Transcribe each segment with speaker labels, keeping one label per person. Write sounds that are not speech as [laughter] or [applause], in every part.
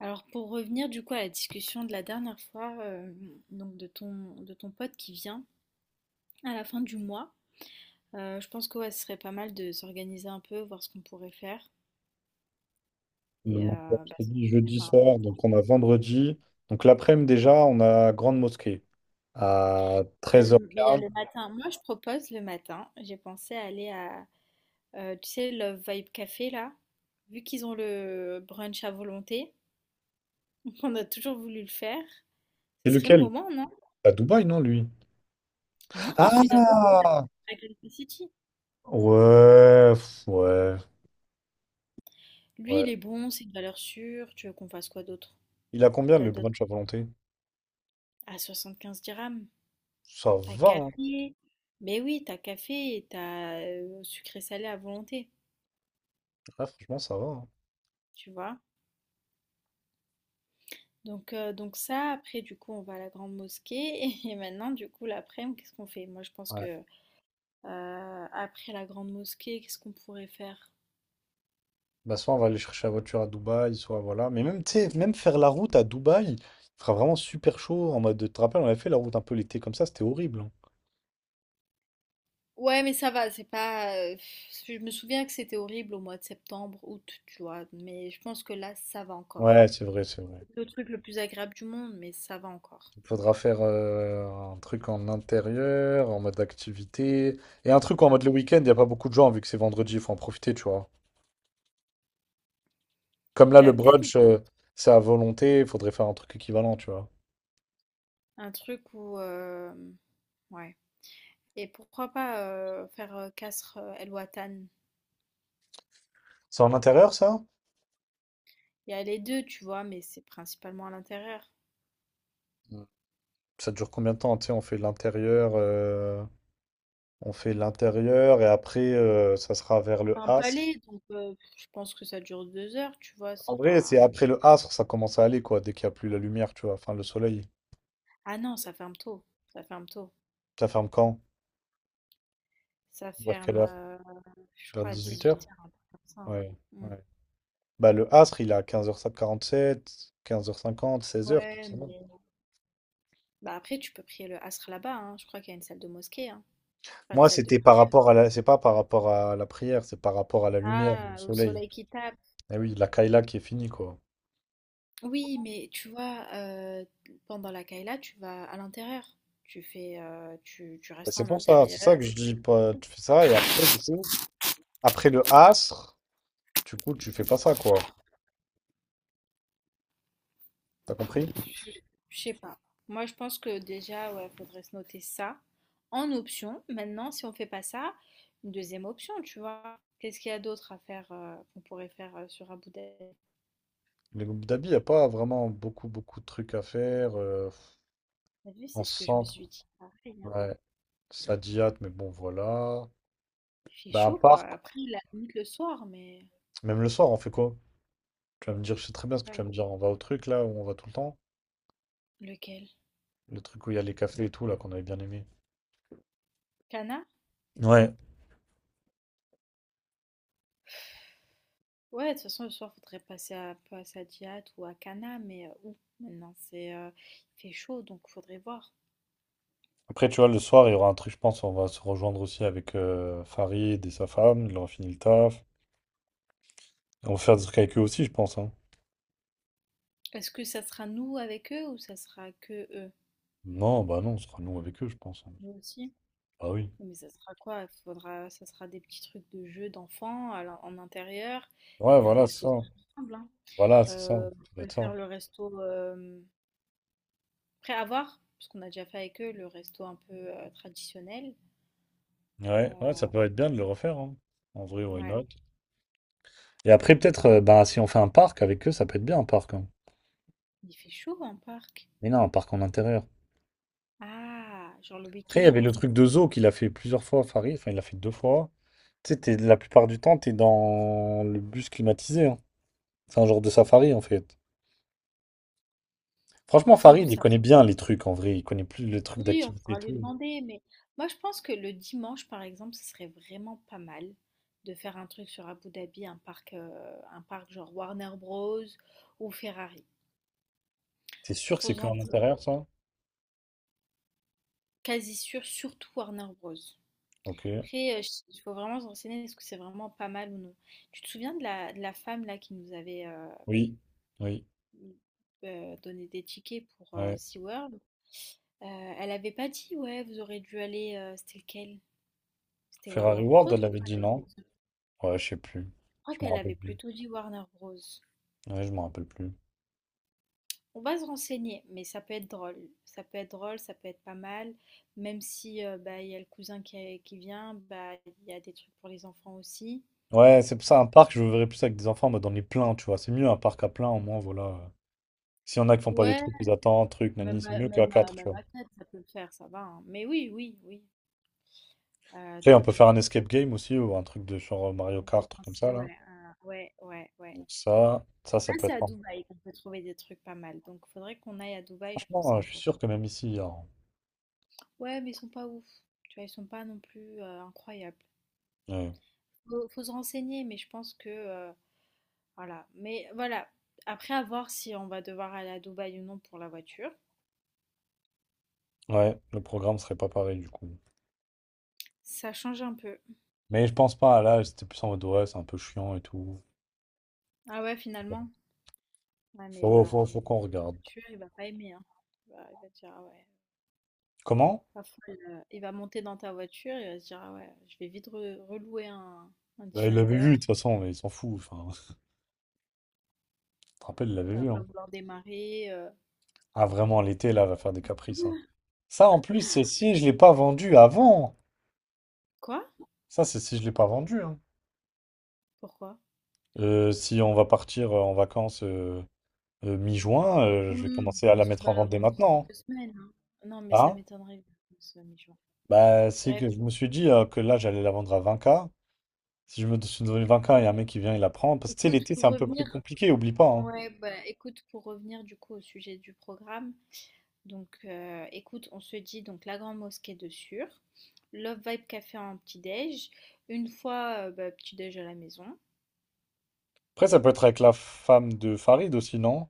Speaker 1: Alors pour revenir du coup à la discussion de la dernière fois, donc de ton pote qui vient à la fin du mois, je pense que ouais, ce serait pas mal de s'organiser un peu, voir ce qu'on pourrait faire et
Speaker 2: Donc, je
Speaker 1: bah,
Speaker 2: t'ai dit
Speaker 1: s'organiser
Speaker 2: jeudi
Speaker 1: par rapport
Speaker 2: soir,
Speaker 1: à-
Speaker 2: donc on a vendredi. Donc l'après-midi déjà, on a Grande Mosquée à
Speaker 1: Il y a le il y a
Speaker 2: 13h15.
Speaker 1: le matin. Moi, je propose le matin. J'ai pensé à aller à, tu sais, Love Vibe Café là, vu qu'ils ont le brunch à volonté, [laughs] on a toujours voulu le faire.
Speaker 2: C'est
Speaker 1: Ce serait le
Speaker 2: lequel?
Speaker 1: moment, non?
Speaker 2: À Dubaï, non, lui?
Speaker 1: Non, je suis d'accord
Speaker 2: Ah!
Speaker 1: avec City.
Speaker 2: Ouais, ouais,
Speaker 1: Lui,
Speaker 2: ouais.
Speaker 1: il est bon, c'est une valeur sûre. Tu veux qu'on fasse quoi d'autre?
Speaker 2: Il a combien
Speaker 1: T'as
Speaker 2: le
Speaker 1: d'autres
Speaker 2: brunch à volonté?
Speaker 1: à 75 dirhams.
Speaker 2: Ça
Speaker 1: T'as
Speaker 2: va, hein.
Speaker 1: café. Mais oui, t'as café et t'as sucré salé à volonté,
Speaker 2: Ouais, franchement, ça va, hein.
Speaker 1: tu vois. Donc ça, après, du coup, on va à la grande mosquée. [laughs] Et maintenant, du coup, l'après-midi, qu'est-ce qu'on fait? Moi, je pense
Speaker 2: Ouais.
Speaker 1: que après la grande mosquée, qu'est-ce qu'on pourrait faire?
Speaker 2: Bah, soit on va aller chercher la voiture à Dubaï, soit voilà. Mais même, tu sais, même faire la route à Dubaï, il fera vraiment super chaud. En mode, tu te rappelles, on avait fait la route un peu l'été comme ça, c'était horrible, hein.
Speaker 1: Ouais, mais ça va, c'est pas. Je me souviens que c'était horrible au mois de septembre, août, tu vois. Mais je pense que là, ça va encore.
Speaker 2: Ouais, c'est vrai, c'est vrai.
Speaker 1: C'est le truc le plus agréable du monde, mais ça va encore.
Speaker 2: Il faudra faire un truc en intérieur, en mode activité. Et un truc en
Speaker 1: Ah.
Speaker 2: mode le week-end, il n'y a pas beaucoup de gens vu que c'est vendredi, il faut en profiter, tu vois. Comme là, le
Speaker 1: Bah, peut-être
Speaker 2: brunch, c'est à volonté, il faudrait faire un truc équivalent, tu vois.
Speaker 1: un truc où. Ouais. Et pourquoi pas faire Kasr El Watan?
Speaker 2: C'est en intérieur, ça?
Speaker 1: Il y a les deux, tu vois, mais c'est principalement à l'intérieur.
Speaker 2: Mm. Ça dure combien de temps? Tu sais, on fait l'intérieur et après, ça sera vers le
Speaker 1: C'est un
Speaker 2: asr.
Speaker 1: palais, donc je pense que ça dure 2 heures, tu vois,
Speaker 2: En
Speaker 1: c'est
Speaker 2: vrai,
Speaker 1: pas.
Speaker 2: c'est
Speaker 1: Ah non.
Speaker 2: après le asr, ça commence à aller, quoi, dès qu'il n'y a plus la lumière, tu vois. Enfin, le soleil.
Speaker 1: Ah non, ça ferme tôt. Ça ferme tôt.
Speaker 2: Ça ferme quand?
Speaker 1: Ça
Speaker 2: Vers quelle
Speaker 1: ferme,
Speaker 2: heure?
Speaker 1: je
Speaker 2: Vers
Speaker 1: crois, à
Speaker 2: 18h?
Speaker 1: 18h, un truc comme ça, hein.
Speaker 2: Ouais,
Speaker 1: Mm.
Speaker 2: ouais. Bah, le Asr, il est à 15 h sept 15h50, 16h tout
Speaker 1: Ouais,
Speaker 2: ça.
Speaker 1: mais. Bah après, tu peux prier le Asr là-bas, hein. Je crois qu'il y a une salle de mosquée, hein. Enfin, une
Speaker 2: Moi,
Speaker 1: salle de
Speaker 2: c'était par
Speaker 1: prière.
Speaker 2: rapport à la... C'est pas par rapport à la prière, c'est par rapport à la lumière, au
Speaker 1: Ah, au
Speaker 2: soleil.
Speaker 1: soleil qui tape.
Speaker 2: Eh oui, la Kaila qui est finie, quoi.
Speaker 1: Oui, mais tu vois, pendant la Kayla, tu vas à l'intérieur. Tu fais, tu
Speaker 2: Bah,
Speaker 1: restes
Speaker 2: c'est
Speaker 1: en
Speaker 2: pour ça,
Speaker 1: intérieur.
Speaker 2: c'est ça que je
Speaker 1: C'est-
Speaker 2: dis. Tu fais ça et après, c'est ça. Après le Asr, du coup, tu fais pas ça, quoi. T'as compris?
Speaker 1: Je, je sais pas. Moi, je pense que déjà, ouais, faudrait se noter ça en option. Maintenant, si on fait pas ça, une deuxième option, tu vois. Qu'est-ce qu'il y a d'autre à faire qu'on pourrait faire sur Abu Dhabi?
Speaker 2: Les groupes d'habits, il n'y a pas vraiment beaucoup, beaucoup de trucs à faire,
Speaker 1: T'as vu,
Speaker 2: en
Speaker 1: c'est ce que je me
Speaker 2: centre,
Speaker 1: suis dit. Pareil, hein.
Speaker 2: ouais. Sadiat, mais bon, voilà.
Speaker 1: Il fait
Speaker 2: Bah, un
Speaker 1: chaud, quoi.
Speaker 2: parc,
Speaker 1: Après, la limite le soir, mais
Speaker 2: même le soir, on fait quoi? Tu vas me dire, je sais très bien ce que tu
Speaker 1: ouais.
Speaker 2: vas me dire. On va au truc là où on va tout le temps.
Speaker 1: Lequel?
Speaker 2: Le truc où il y a les cafés et tout là qu'on avait bien aimé.
Speaker 1: Cana?
Speaker 2: Ouais.
Speaker 1: Ouais, de toute façon, le soir, faudrait passer à, un peu à Sadiat ou à Cana, mais où maintenant c'est, il fait chaud, donc faudrait voir.
Speaker 2: Après, tu vois, le soir, il y aura un truc, je pense. On va se rejoindre aussi avec Farid et sa femme. Il aura fini le taf. On va faire des trucs avec eux aussi, je pense, hein.
Speaker 1: Est-ce que ça sera nous avec eux ou ça sera que eux?
Speaker 2: Non, bah non, on sera nous avec eux, je pense, hein.
Speaker 1: Nous aussi.
Speaker 2: Ah oui.
Speaker 1: Mais ça sera quoi? Faudra, ça sera des petits trucs de jeux d'enfants en intérieur
Speaker 2: Ouais,
Speaker 1: et un
Speaker 2: voilà, c'est
Speaker 1: resto
Speaker 2: ça.
Speaker 1: tout ensemble, hein.
Speaker 2: Voilà, c'est ça.
Speaker 1: On
Speaker 2: Ça doit
Speaker 1: pourrait
Speaker 2: être ça.
Speaker 1: faire le resto après avoir, parce qu'on a déjà fait avec eux le resto un peu traditionnel.
Speaker 2: Ouais, ouais,
Speaker 1: Euh,
Speaker 2: ça peut être bien de le refaire, hein. En vrai, why
Speaker 1: ouais,
Speaker 2: not? Et après, peut-être, bah, si on fait un parc avec eux, ça peut être bien un parc, hein.
Speaker 1: il fait chaud en parc.
Speaker 2: Mais non, un parc en intérieur.
Speaker 1: Ah, genre le
Speaker 2: Après, il y avait
Speaker 1: week-end.
Speaker 2: le truc de Zo qu'il a fait plusieurs fois, Farid. Enfin, il l'a fait deux fois. Tu sais, la plupart du temps, t'es dans le bus climatisé, hein. C'est un genre de safari, en fait. Franchement,
Speaker 1: C'est où
Speaker 2: Farid, il
Speaker 1: ça?
Speaker 2: connaît bien les trucs, en vrai. Il connaît plus le truc
Speaker 1: Oui, on
Speaker 2: d'activité et
Speaker 1: pourra lui
Speaker 2: tout.
Speaker 1: demander, mais moi je pense que le dimanche, par exemple, ce serait vraiment pas mal de faire un truc sur Abu Dhabi, un parc genre Warner Bros. Ou Ferrari.
Speaker 2: T'es sûr que c'est
Speaker 1: Faut
Speaker 2: que
Speaker 1: en
Speaker 2: en
Speaker 1: être
Speaker 2: intérieur, ça?
Speaker 1: quasi sûr, surtout Warner Bros.
Speaker 2: Ok.
Speaker 1: Après, il faut vraiment se renseigner est-ce que c'est vraiment pas mal ou non. Tu te souviens de la femme là qui nous avait
Speaker 2: Oui. Oui.
Speaker 1: donné des tickets pour
Speaker 2: Ouais.
Speaker 1: SeaWorld? Elle avait pas dit, ouais, vous aurez dû aller, c'était lequel? C'était Warner
Speaker 2: Ferrari World,
Speaker 1: Bros. Je
Speaker 2: elle avait
Speaker 1: crois,
Speaker 2: dit
Speaker 1: elle a dit.
Speaker 2: non. Ouais, je sais plus.
Speaker 1: Crois
Speaker 2: Je me
Speaker 1: qu'elle
Speaker 2: rappelle
Speaker 1: avait
Speaker 2: plus.
Speaker 1: plutôt dit Warner Bros.
Speaker 2: Ouais, je me rappelle plus.
Speaker 1: On va se renseigner, mais ça peut être drôle. Ça peut être drôle, ça peut être pas mal. Même si bah, il y a le cousin qui vient, bah, il y a des trucs pour les enfants aussi.
Speaker 2: Ouais, c'est
Speaker 1: Donc
Speaker 2: pour
Speaker 1: ça...
Speaker 2: ça, un parc, je le verrais plus avec des enfants, mais dans les pleins, tu vois. C'est mieux un parc à plein, au moins, voilà. S'il y en a qui font pas des
Speaker 1: Ouais,
Speaker 2: trucs, ils attendent, trucs, nani,
Speaker 1: même,
Speaker 2: c'est
Speaker 1: à-
Speaker 2: mieux qu'à
Speaker 1: même, à-
Speaker 2: quatre, tu
Speaker 1: même
Speaker 2: vois.
Speaker 1: à quatre, ça peut le faire, ça va, hein. Mais oui, oui, oui.
Speaker 2: Après, on
Speaker 1: Donc
Speaker 2: peut
Speaker 1: on
Speaker 2: faire un
Speaker 1: peut
Speaker 2: escape game aussi, ou un truc de genre Mario
Speaker 1: je
Speaker 2: Kart, truc comme ça,
Speaker 1: pensais,
Speaker 2: là.
Speaker 1: ouais, ouais, ouais,
Speaker 2: Donc ça
Speaker 1: Là
Speaker 2: peut
Speaker 1: c'est à
Speaker 2: être...
Speaker 1: Dubaï qu'on peut trouver des trucs pas mal. Donc il faudrait qu'on aille à Dubaï, je pense,
Speaker 2: Franchement,
Speaker 1: un
Speaker 2: je suis
Speaker 1: jour.
Speaker 2: sûr que même ici, hein,
Speaker 1: Ouais, mais ils sont pas ouf. Tu vois, ils sont pas non plus incroyables.
Speaker 2: ouais.
Speaker 1: Faut se renseigner, mais je pense que voilà. Mais voilà, après à voir si on va devoir aller à Dubaï ou non pour la voiture.
Speaker 2: Ouais, le programme serait pas pareil, du coup.
Speaker 1: Ça change un peu.
Speaker 2: Mais je pense pas, là, c'était plus en mode, ouais, c'est un peu chiant et tout.
Speaker 1: Ah ouais,
Speaker 2: Ouais.
Speaker 1: finalement. Ouais, mais il
Speaker 2: Faut,
Speaker 1: va
Speaker 2: faut- faut
Speaker 1: monter
Speaker 2: qu'on
Speaker 1: dans la
Speaker 2: regarde.
Speaker 1: voiture, il va pas aimer, hein. Il va dire ah ouais,
Speaker 2: Comment?
Speaker 1: pas folle. Il va monter dans ta voiture, il va se dire ah ouais, je vais vite relouer un
Speaker 2: Bah, il l'avait
Speaker 1: Defender.
Speaker 2: vu, de toute façon, mais il s'en fout. Enfin, [laughs] tu te rappelles, il l'avait
Speaker 1: Il va
Speaker 2: vu,
Speaker 1: pas
Speaker 2: hein.
Speaker 1: vouloir démarrer.
Speaker 2: Ah, vraiment, l'été, là, va faire des caprices, hein. Ça, en plus, c'est si je l'ai pas vendu avant.
Speaker 1: Quoi?
Speaker 2: Ça, c'est si je l'ai pas vendu, hein.
Speaker 1: Pourquoi?
Speaker 2: Si on va partir en vacances... mi-juin, je vais
Speaker 1: Oui,
Speaker 2: commencer à la
Speaker 1: parce que tu
Speaker 2: mettre en
Speaker 1: vas la
Speaker 2: vente dès
Speaker 1: vendre d'ici
Speaker 2: maintenant,
Speaker 1: 2 semaines, hein. Non, mais
Speaker 2: hein.
Speaker 1: ça
Speaker 2: Hein.
Speaker 1: m'étonnerait que ça soit mi-juin.
Speaker 2: Bah, c'est
Speaker 1: Bref,
Speaker 2: que je me suis dit que là, j'allais la vendre à 20K. Si je me suis donné 20K et un mec qui vient, il la prend. Parce que tu sais,
Speaker 1: écoute,
Speaker 2: l'été, c'est
Speaker 1: pour
Speaker 2: un peu plus
Speaker 1: revenir
Speaker 2: compliqué, oublie pas, hein.
Speaker 1: ouais, bah, écoute, pour revenir du coup au sujet du programme, donc écoute, on se dit donc la Grande Mosquée de Sûr, Love Vibe Café en petit-déj, une fois bah, petit-déj à la maison.
Speaker 2: Après, ça peut être avec la femme de Farid aussi, non?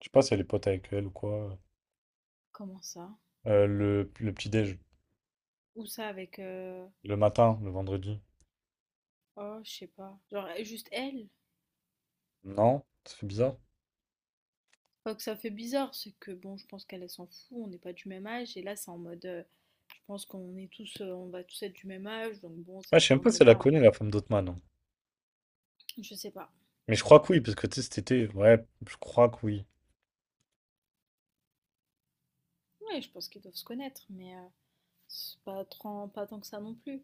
Speaker 2: Je sais pas si elle est pote avec elle ou quoi.
Speaker 1: Comment ça?
Speaker 2: Le petit-déj,
Speaker 1: Ou ça avec
Speaker 2: le matin, le vendredi.
Speaker 1: oh, je sais pas. Genre juste elle.
Speaker 2: Non? Ça fait bizarre.
Speaker 1: Pas que ça fait bizarre, c'est que bon, je pense qu'elle elle s'en fout, on n'est pas du même âge et là c'est en mode je pense qu'on est tous on va tous être du même âge, donc bon,
Speaker 2: Ouais, je
Speaker 1: cette
Speaker 2: sais même pas si elle la
Speaker 1: journée-là,
Speaker 2: connaît, la femme d'Othman, hein.
Speaker 1: on- je sais pas.
Speaker 2: Mais je crois que oui, parce que tu sais, cet été, ouais, je crois que oui.
Speaker 1: Ouais, je pense qu'ils doivent se connaître, mais c'est pas trop, pas tant que ça non plus.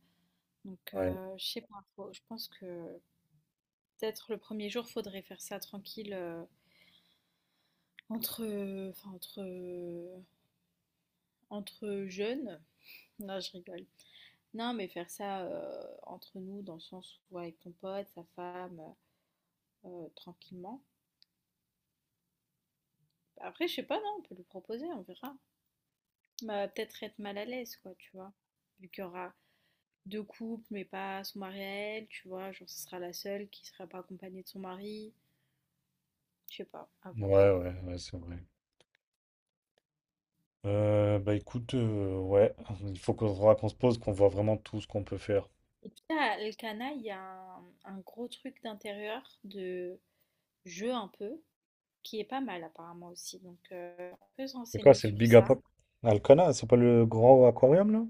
Speaker 1: Donc,
Speaker 2: Ouais,
Speaker 1: je sais pas, je pense que peut-être le premier jour, faudrait faire ça tranquille enfin, entre jeunes. Non, je rigole. Non, mais faire ça entre nous, dans le sens où ouais, avec ton pote, sa femme, tranquillement. Après, je sais pas, non, on peut lui proposer, on verra. Bah, peut-être être mal à l'aise, quoi, tu vois. Vu qu'il y aura deux couples, mais pas son mari à elle, tu vois, genre ce sera la seule qui sera pas accompagnée de son mari. Je sais pas, à voir.
Speaker 2: ouais, ouais, ouais, c'est vrai. Bah écoute, ouais, il faut qu'on faudra qu'on se pose, qu'on voit vraiment tout ce qu'on peut faire.
Speaker 1: Et puis à Elkana, il y a un gros truc d'intérieur, de jeu un peu, qui est pas mal apparemment aussi. Donc on peut se
Speaker 2: C'est quoi,
Speaker 1: renseigner
Speaker 2: c'est le
Speaker 1: sur
Speaker 2: Big
Speaker 1: ça.
Speaker 2: Apple? Alcana, c'est pas le grand aquarium là?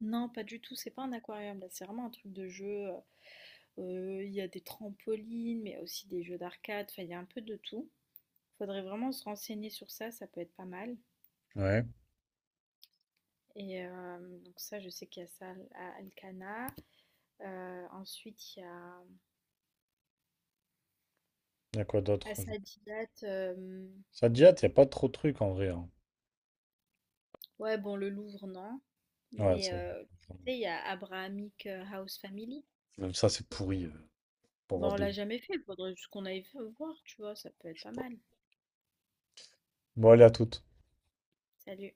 Speaker 1: Non, pas du tout, c'est pas un aquarium là, c'est vraiment un truc de jeu. Il y a des trampolines, mais il y a aussi des jeux d'arcade, enfin il y a un peu de tout. Faudrait vraiment se renseigner sur ça, ça peut être pas mal.
Speaker 2: Ouais.
Speaker 1: Et donc ça, je sais qu'il y a ça à Elkana. Ensuite, il y a
Speaker 2: Il y a quoi
Speaker 1: à
Speaker 2: d'autre? Je-
Speaker 1: Sadiat.
Speaker 2: Ça te jette, il n'y a pas trop de trucs en vrai, hein.
Speaker 1: Ouais, bon, le Louvre, non.
Speaker 2: Ouais,
Speaker 1: Mais
Speaker 2: ça.
Speaker 1: tu sais, il y a Abrahamic House Family.
Speaker 2: Même ça, c'est pourri, pour voir
Speaker 1: Bon, on l'a
Speaker 2: des.
Speaker 1: jamais fait, faudrait juste qu'on aille voir, tu vois, ça peut être
Speaker 2: Je sais
Speaker 1: pas
Speaker 2: pas.
Speaker 1: mal.
Speaker 2: Bon, allez, à toutes.
Speaker 1: Salut.